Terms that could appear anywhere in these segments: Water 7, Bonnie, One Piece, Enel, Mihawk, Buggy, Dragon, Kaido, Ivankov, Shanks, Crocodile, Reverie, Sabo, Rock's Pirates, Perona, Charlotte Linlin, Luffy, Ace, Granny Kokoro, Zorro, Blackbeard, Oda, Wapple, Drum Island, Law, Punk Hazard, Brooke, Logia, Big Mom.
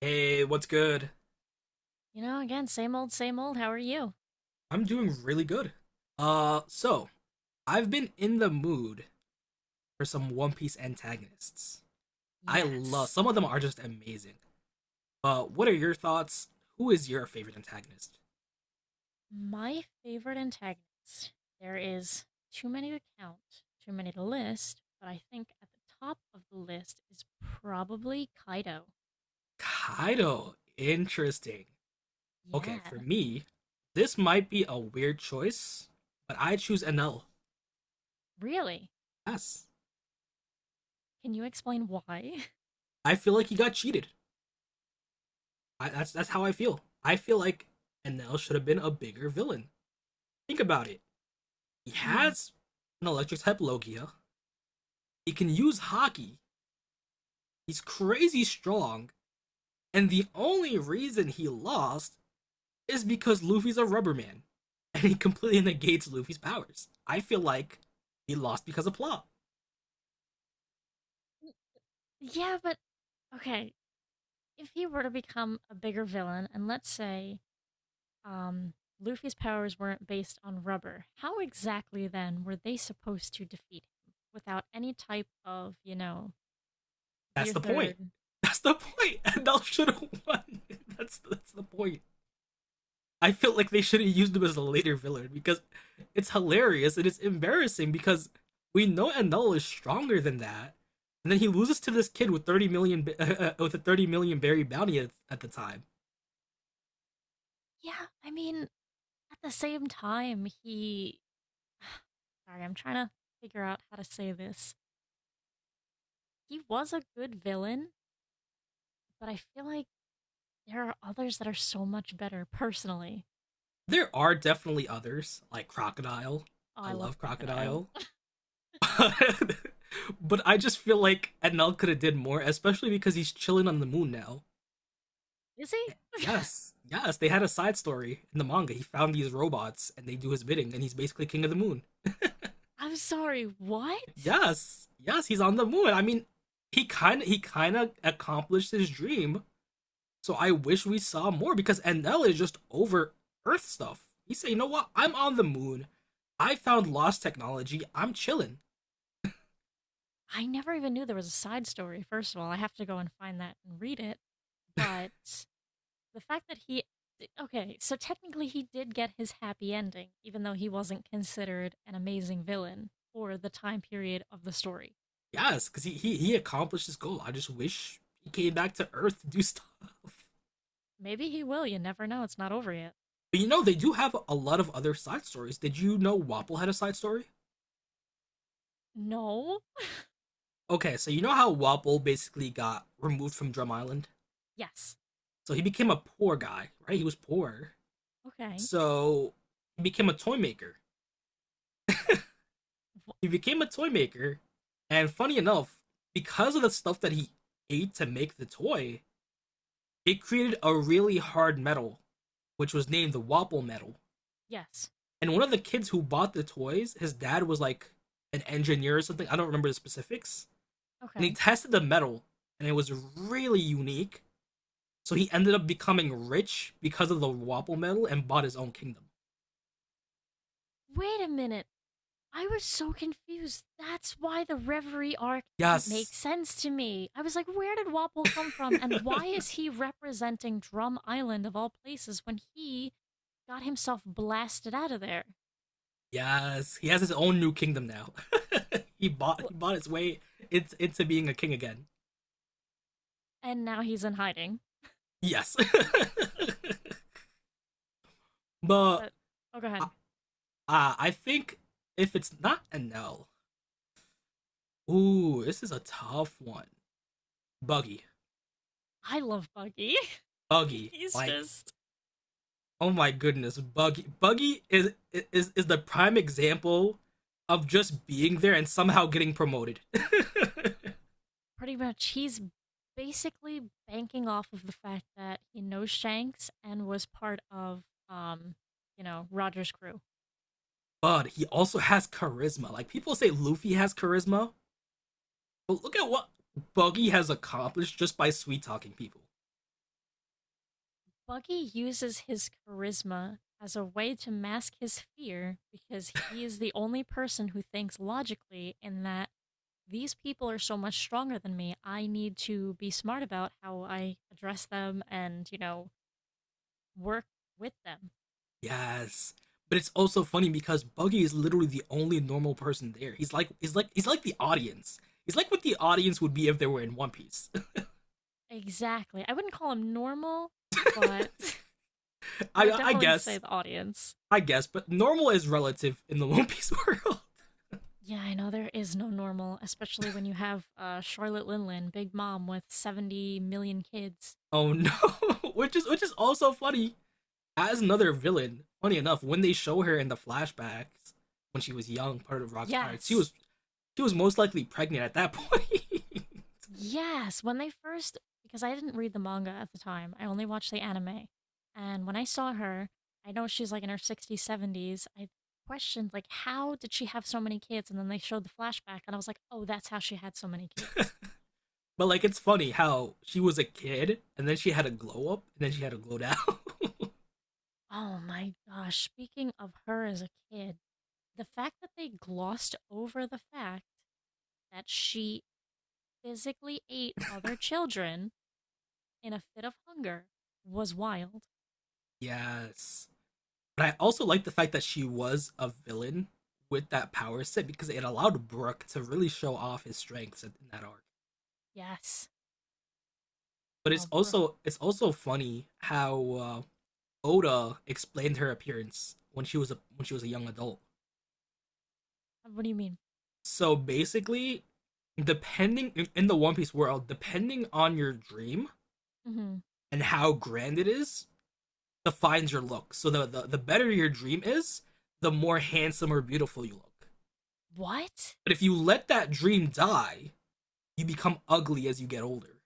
Hey, what's good? You know, again, same old, same old. How are you? I'm doing really good. So I've been in the mood for some One Piece antagonists. I love Yes. some of them are just amazing. What are your thoughts? Who is your favorite antagonist? My favorite antagonist. There is too many to count, too many to list, but I think at the top of the list is probably Kaido. Kaido. Interesting. Okay, for Yes. me, this might be a weird choice, but I choose NL. Really? Yes, Can you explain why? I feel like he got cheated. That's how I feel. I feel like NL should have been a bigger villain. Think about it. He Mhm. has an electric type Logia. He can use hockey. He's crazy strong. And the only reason he lost is because Luffy's a rubber man. And he completely negates Luffy's powers. I feel like he lost because of plot. Yeah, but okay. If he were to become a bigger villain, and let's say um, Luffy's powers weren't based on rubber. How exactly then were they supposed to defeat him without any type of, That's gear the point. third? That's the point. And L should have won. That's the point. I feel like they should have used him as a later villain because it's hilarious and it's embarrassing because we know Enel is stronger than that, and then he loses to this kid with 30 million with a 30 million berry bounty at the time. Yeah, I mean, at the same time, he Sorry, I'm trying to figure out how to say this. He was a good villain, but I feel like there are others that are so much better personally. There are definitely others like Crocodile. Oh, I I love love Crocodile. Crocodile, but I just feel like Enel could have did more, especially because he's chilling on the moon now. Is he? Yes, yes, they had a side story in the manga. He found these robots and they do his bidding, and he's basically king of the moon. I'm sorry, what? Yes, yes, he's on the moon. I mean, he kind of accomplished his dream. So I wish we saw more because NL is just over Earth stuff. He said, "You know what? I'm on the moon. I found lost technology. I'm chilling." I never even knew there was a side story. First of all, I have to go and find that and read it. But the fact that he, okay, so technically he did get his happy ending, even though he wasn't considered an amazing villain for the time period of the story. Yes, because he he accomplished his goal. I just wish he came back to Earth to do stuff. Maybe he will, you never know, it's not over yet. But you know, they do have a lot of other side stories. Did you know Wapple had a side story? No. Okay, so you know how Wapple basically got removed from Drum Island? Yes. So he became a poor guy, right? He was poor. Okay. So he became a toy maker. Wh- He became a toy maker, and funny enough, because of the stuff that he ate to make the toy, it created a really hard metal, which was named the Wapple metal. yes. And one of the kids who bought the toys, his dad was like an engineer or something. I don't remember the specifics. And he Okay. tested the metal, and it was really unique. So he ended up becoming rich because of the Wapple metal and bought his own kingdom. Wait a minute. I was so confused. That's why the Reverie arc didn't make Yes. sense to me. I was like, where did Wapple come from? And why is he representing Drum Island of all places when he got himself blasted out of there? Yes, he has his own new kingdom now. W- he bought his way into being a king again. And now he's in hiding. Yes, but But, oh, go uh, ahead. I think if it's not an L, ooh, this is a tough one. Buggy, I love Buggy. Buggy, he's like just oh my goodness, Buggy, Buggy is the prime example of just being there and somehow getting promoted. Pretty much, he's basically banking off of the fact that he knows Shanks and was part of, um, Roger's crew. but he also has charisma. Like people say, Luffy has charisma. But look at what Buggy has accomplished just by sweet talking people. Buggy uses his charisma as a way to mask his fear because he is the only person who thinks logically in that these people are so much stronger than me. I need to be smart about how I address them and, work with them. Yes. But it's also funny because Buggy is literally the only normal person there. He's like he's like the audience. He's like what the audience would be if they were in One Piece. Exactly. I wouldn't call him normal, but I I would I definitely say guess. the audience. I guess, but normal is relative in the One Piece world. Yeah, I know there is no normal, especially when you have Charlotte Linlin, Big Mom, with 70 million kids. Oh no. Which is also funny. As another villain, funny enough, when they show her in the flashbacks when she was young, part of Rock's Pirates, Yes, she was most likely pregnant at that point. yes. When they first, because I didn't read the manga at the time, I only watched the anime. And when I saw her, I know she's like in her 60s, 70s. I questioned, like, how did she have so many kids? And then they showed the flashback, and I was like, oh, that's how she had so many kids. But like it's funny how she was a kid and then she had a glow up and then she had a glow down. Oh my gosh. Speaking of her as a kid, the fact that they glossed over the fact that she physically ate other children in a fit of hunger was wild. yes. But I also like the fact that she was a villain with that power set because it allowed Brook to really show off his strengths in that arc. Yes. But Oh, Brooke, it's also funny how Oda explained her appearance when she was a young adult. what do you mean? So basically, depending in the One Piece world, depending on your dream Hmm. and how grand it is, defines your look. So the better your dream is, the more handsome or beautiful you look. What? But if you let that dream die, you become ugly as you get older.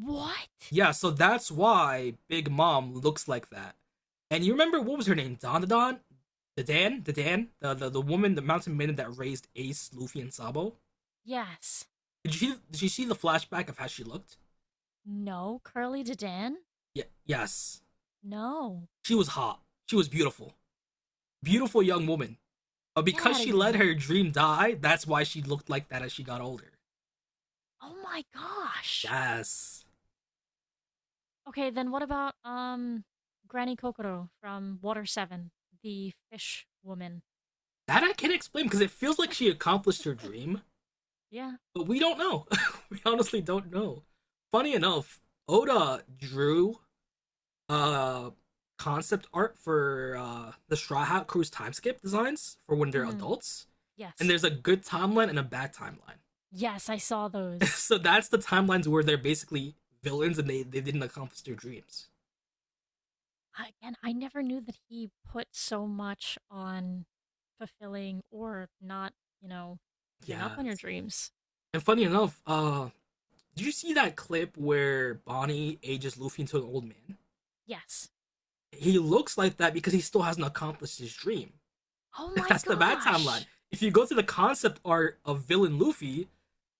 What? Yeah, so that's why Big Mom looks like that. And you remember what was her name? Don? The Dan? The woman, the mountain maiden that raised Ace, Luffy, and Sabo? Yes. Did you see the flashback of how she looked? No, Curly Dedan? Yeah, yes. No. She was hot. She was beautiful. Get Beautiful the young woman. But get because out of she let here. her dream die, that's why she looked like that as she got older. Oh my gosh. Yes. Okay, then what about Granny Kokoro from Water 7, the fish woman? That I can't explain because it feels like she accomplished her dream, Yeah. but we don't know. we honestly don't know. Funny enough, Oda drew uh concept art for the Straw Hat Crew's timeskip designs for when they're Mhm. adults. And Yes. there's a good timeline and a bad timeline. Yes, I saw those. so that's the timelines where they're basically villains and they didn't accomplish their dreams. And I never knew that he put so much on fulfilling or not, you know, giving up on your Yes. dreams. And funny enough, did you see that clip where Bonnie ages Luffy into an old man? Yes. He looks like that because he still hasn't accomplished his dream. Oh my That's the bad timeline. gosh. If you go to the concept art of villain Luffy,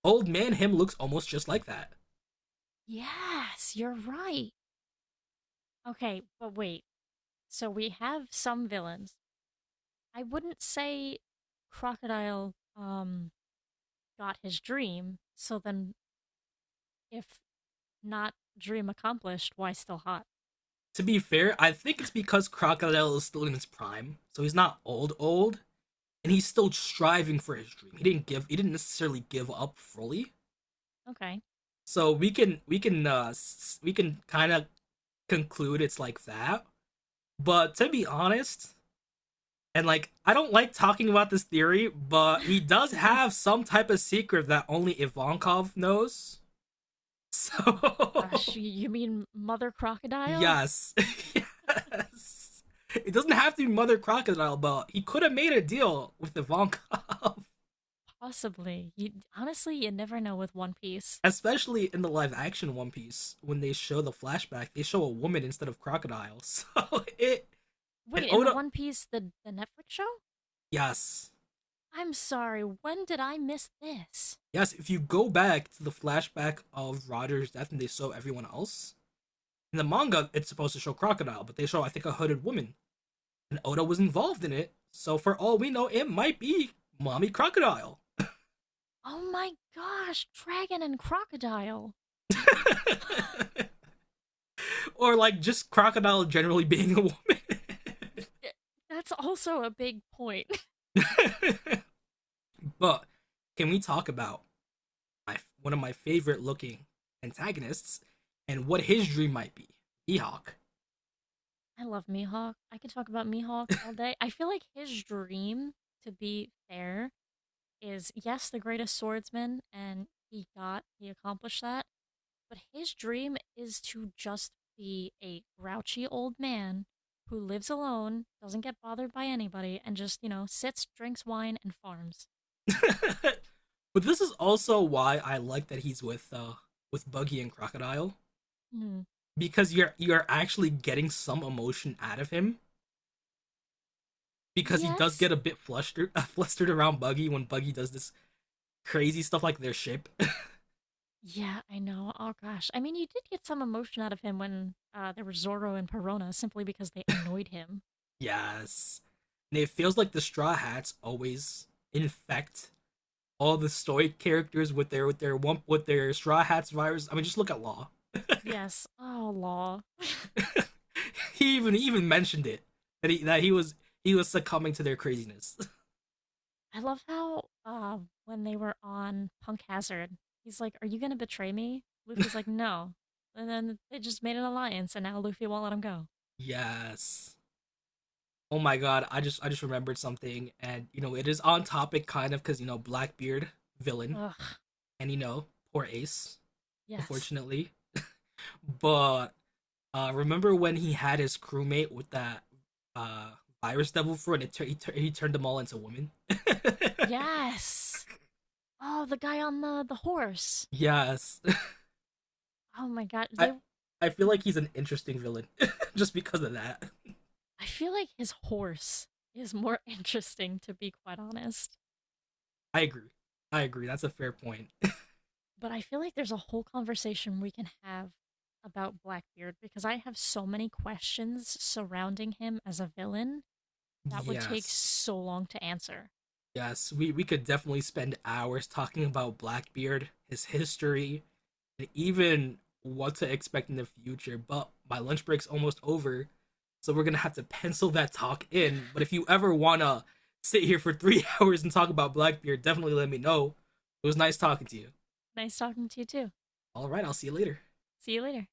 old man him looks almost just like that. Yes, you're right. Okay, but wait. So we have some villains. I wouldn't say Crocodile got his dream, so then if not dream accomplished, why still hot? To be fair, I think it's because Crocodile is still in his prime, so he's not old old, and he's still striving for his dream. He didn't necessarily give up fully. Okay. So we can we can kind of conclude it's like that. But to be honest, and like, I don't like talking about this theory, but he does have some type of secret that only Ivankov knows. Oh, So, gosh, you you mean Mother Crocodile? yes, yes. It doesn't have to be Mother Crocodile, but he could have made a deal with Ivankov. Possibly. You honestly, you never know with One Piece. Especially in the live action One Piece, when they show the flashback, they show a woman instead of crocodile. So it and Wait, in the Oda, One Piece, the Netflix show? yes, I'm sorry, when did I miss this? yes. If you go back to the flashback of Roger's death and they show everyone else, in the manga, it's supposed to show crocodile, but they show I think a hooded woman, and Oda was involved in it. So for all we know, it might be mommy crocodile, Oh my gosh, Dragon and Crocodile. or like just crocodile generally being a woman. That's also a big point. but can we talk about one of my favorite looking antagonists and what his dream might be? Mihawk. I love Mihawk. I could talk about Mihawk all day. I feel like his dream, to be fair, is yes, the greatest swordsman, and he got, he accomplished that. But his dream is to just be a grouchy old man who lives alone, doesn't get bothered by anybody, and just, sits, drinks wine, and farms. but this is also why I like that he's with Buggy and Crocodile Hmm. because you're actually getting some emotion out of him because he does Yes. get a bit flustered, flustered around Buggy when Buggy does this crazy stuff like their ship. Yeah, I know. Oh, gosh. I mean, you did get some emotion out of him when there were Zorro and Perona simply because they annoyed him. yes, and it feels like the Straw Hats always infect all the stoic characters with their wump with their Straw Hats virus. I mean, just look at Law. Yes. Oh, law. He even mentioned it that he was succumbing to their craziness. I love how when they were on Punk Hazard, he's like, "Are you going to betray me?" Luffy's like, "No." And then they just made an alliance, and now Luffy won't let him go. yes. Oh my god, I just remembered something and you know it is on topic kind of cuz you know Blackbeard villain Ugh. and you know poor Ace Yes. unfortunately. But remember when he had his crewmate with that uh, virus devil fruit and it he turned them all into women? Yes. Oh, the guy on the horse. yes. Oh my god. I, They. I feel like Mm. he's an interesting villain just because of that. I feel like his horse is more interesting, to be quite honest. I agree. I agree. That's a fair point. But I feel like there's a whole conversation we can have about Blackbeard because I have so many questions surrounding him as a villain that would take yes. so long to answer. Yes, we could definitely spend hours talking about Blackbeard, his history, and even what to expect in the future. But my lunch break's almost over, so we're gonna have to pencil that talk in. But if you ever wanna sit here for 3 hours and talk about Blackbeard, definitely let me know. It was nice talking to you. Nice talking to you too. All right, I'll see you later. See you later.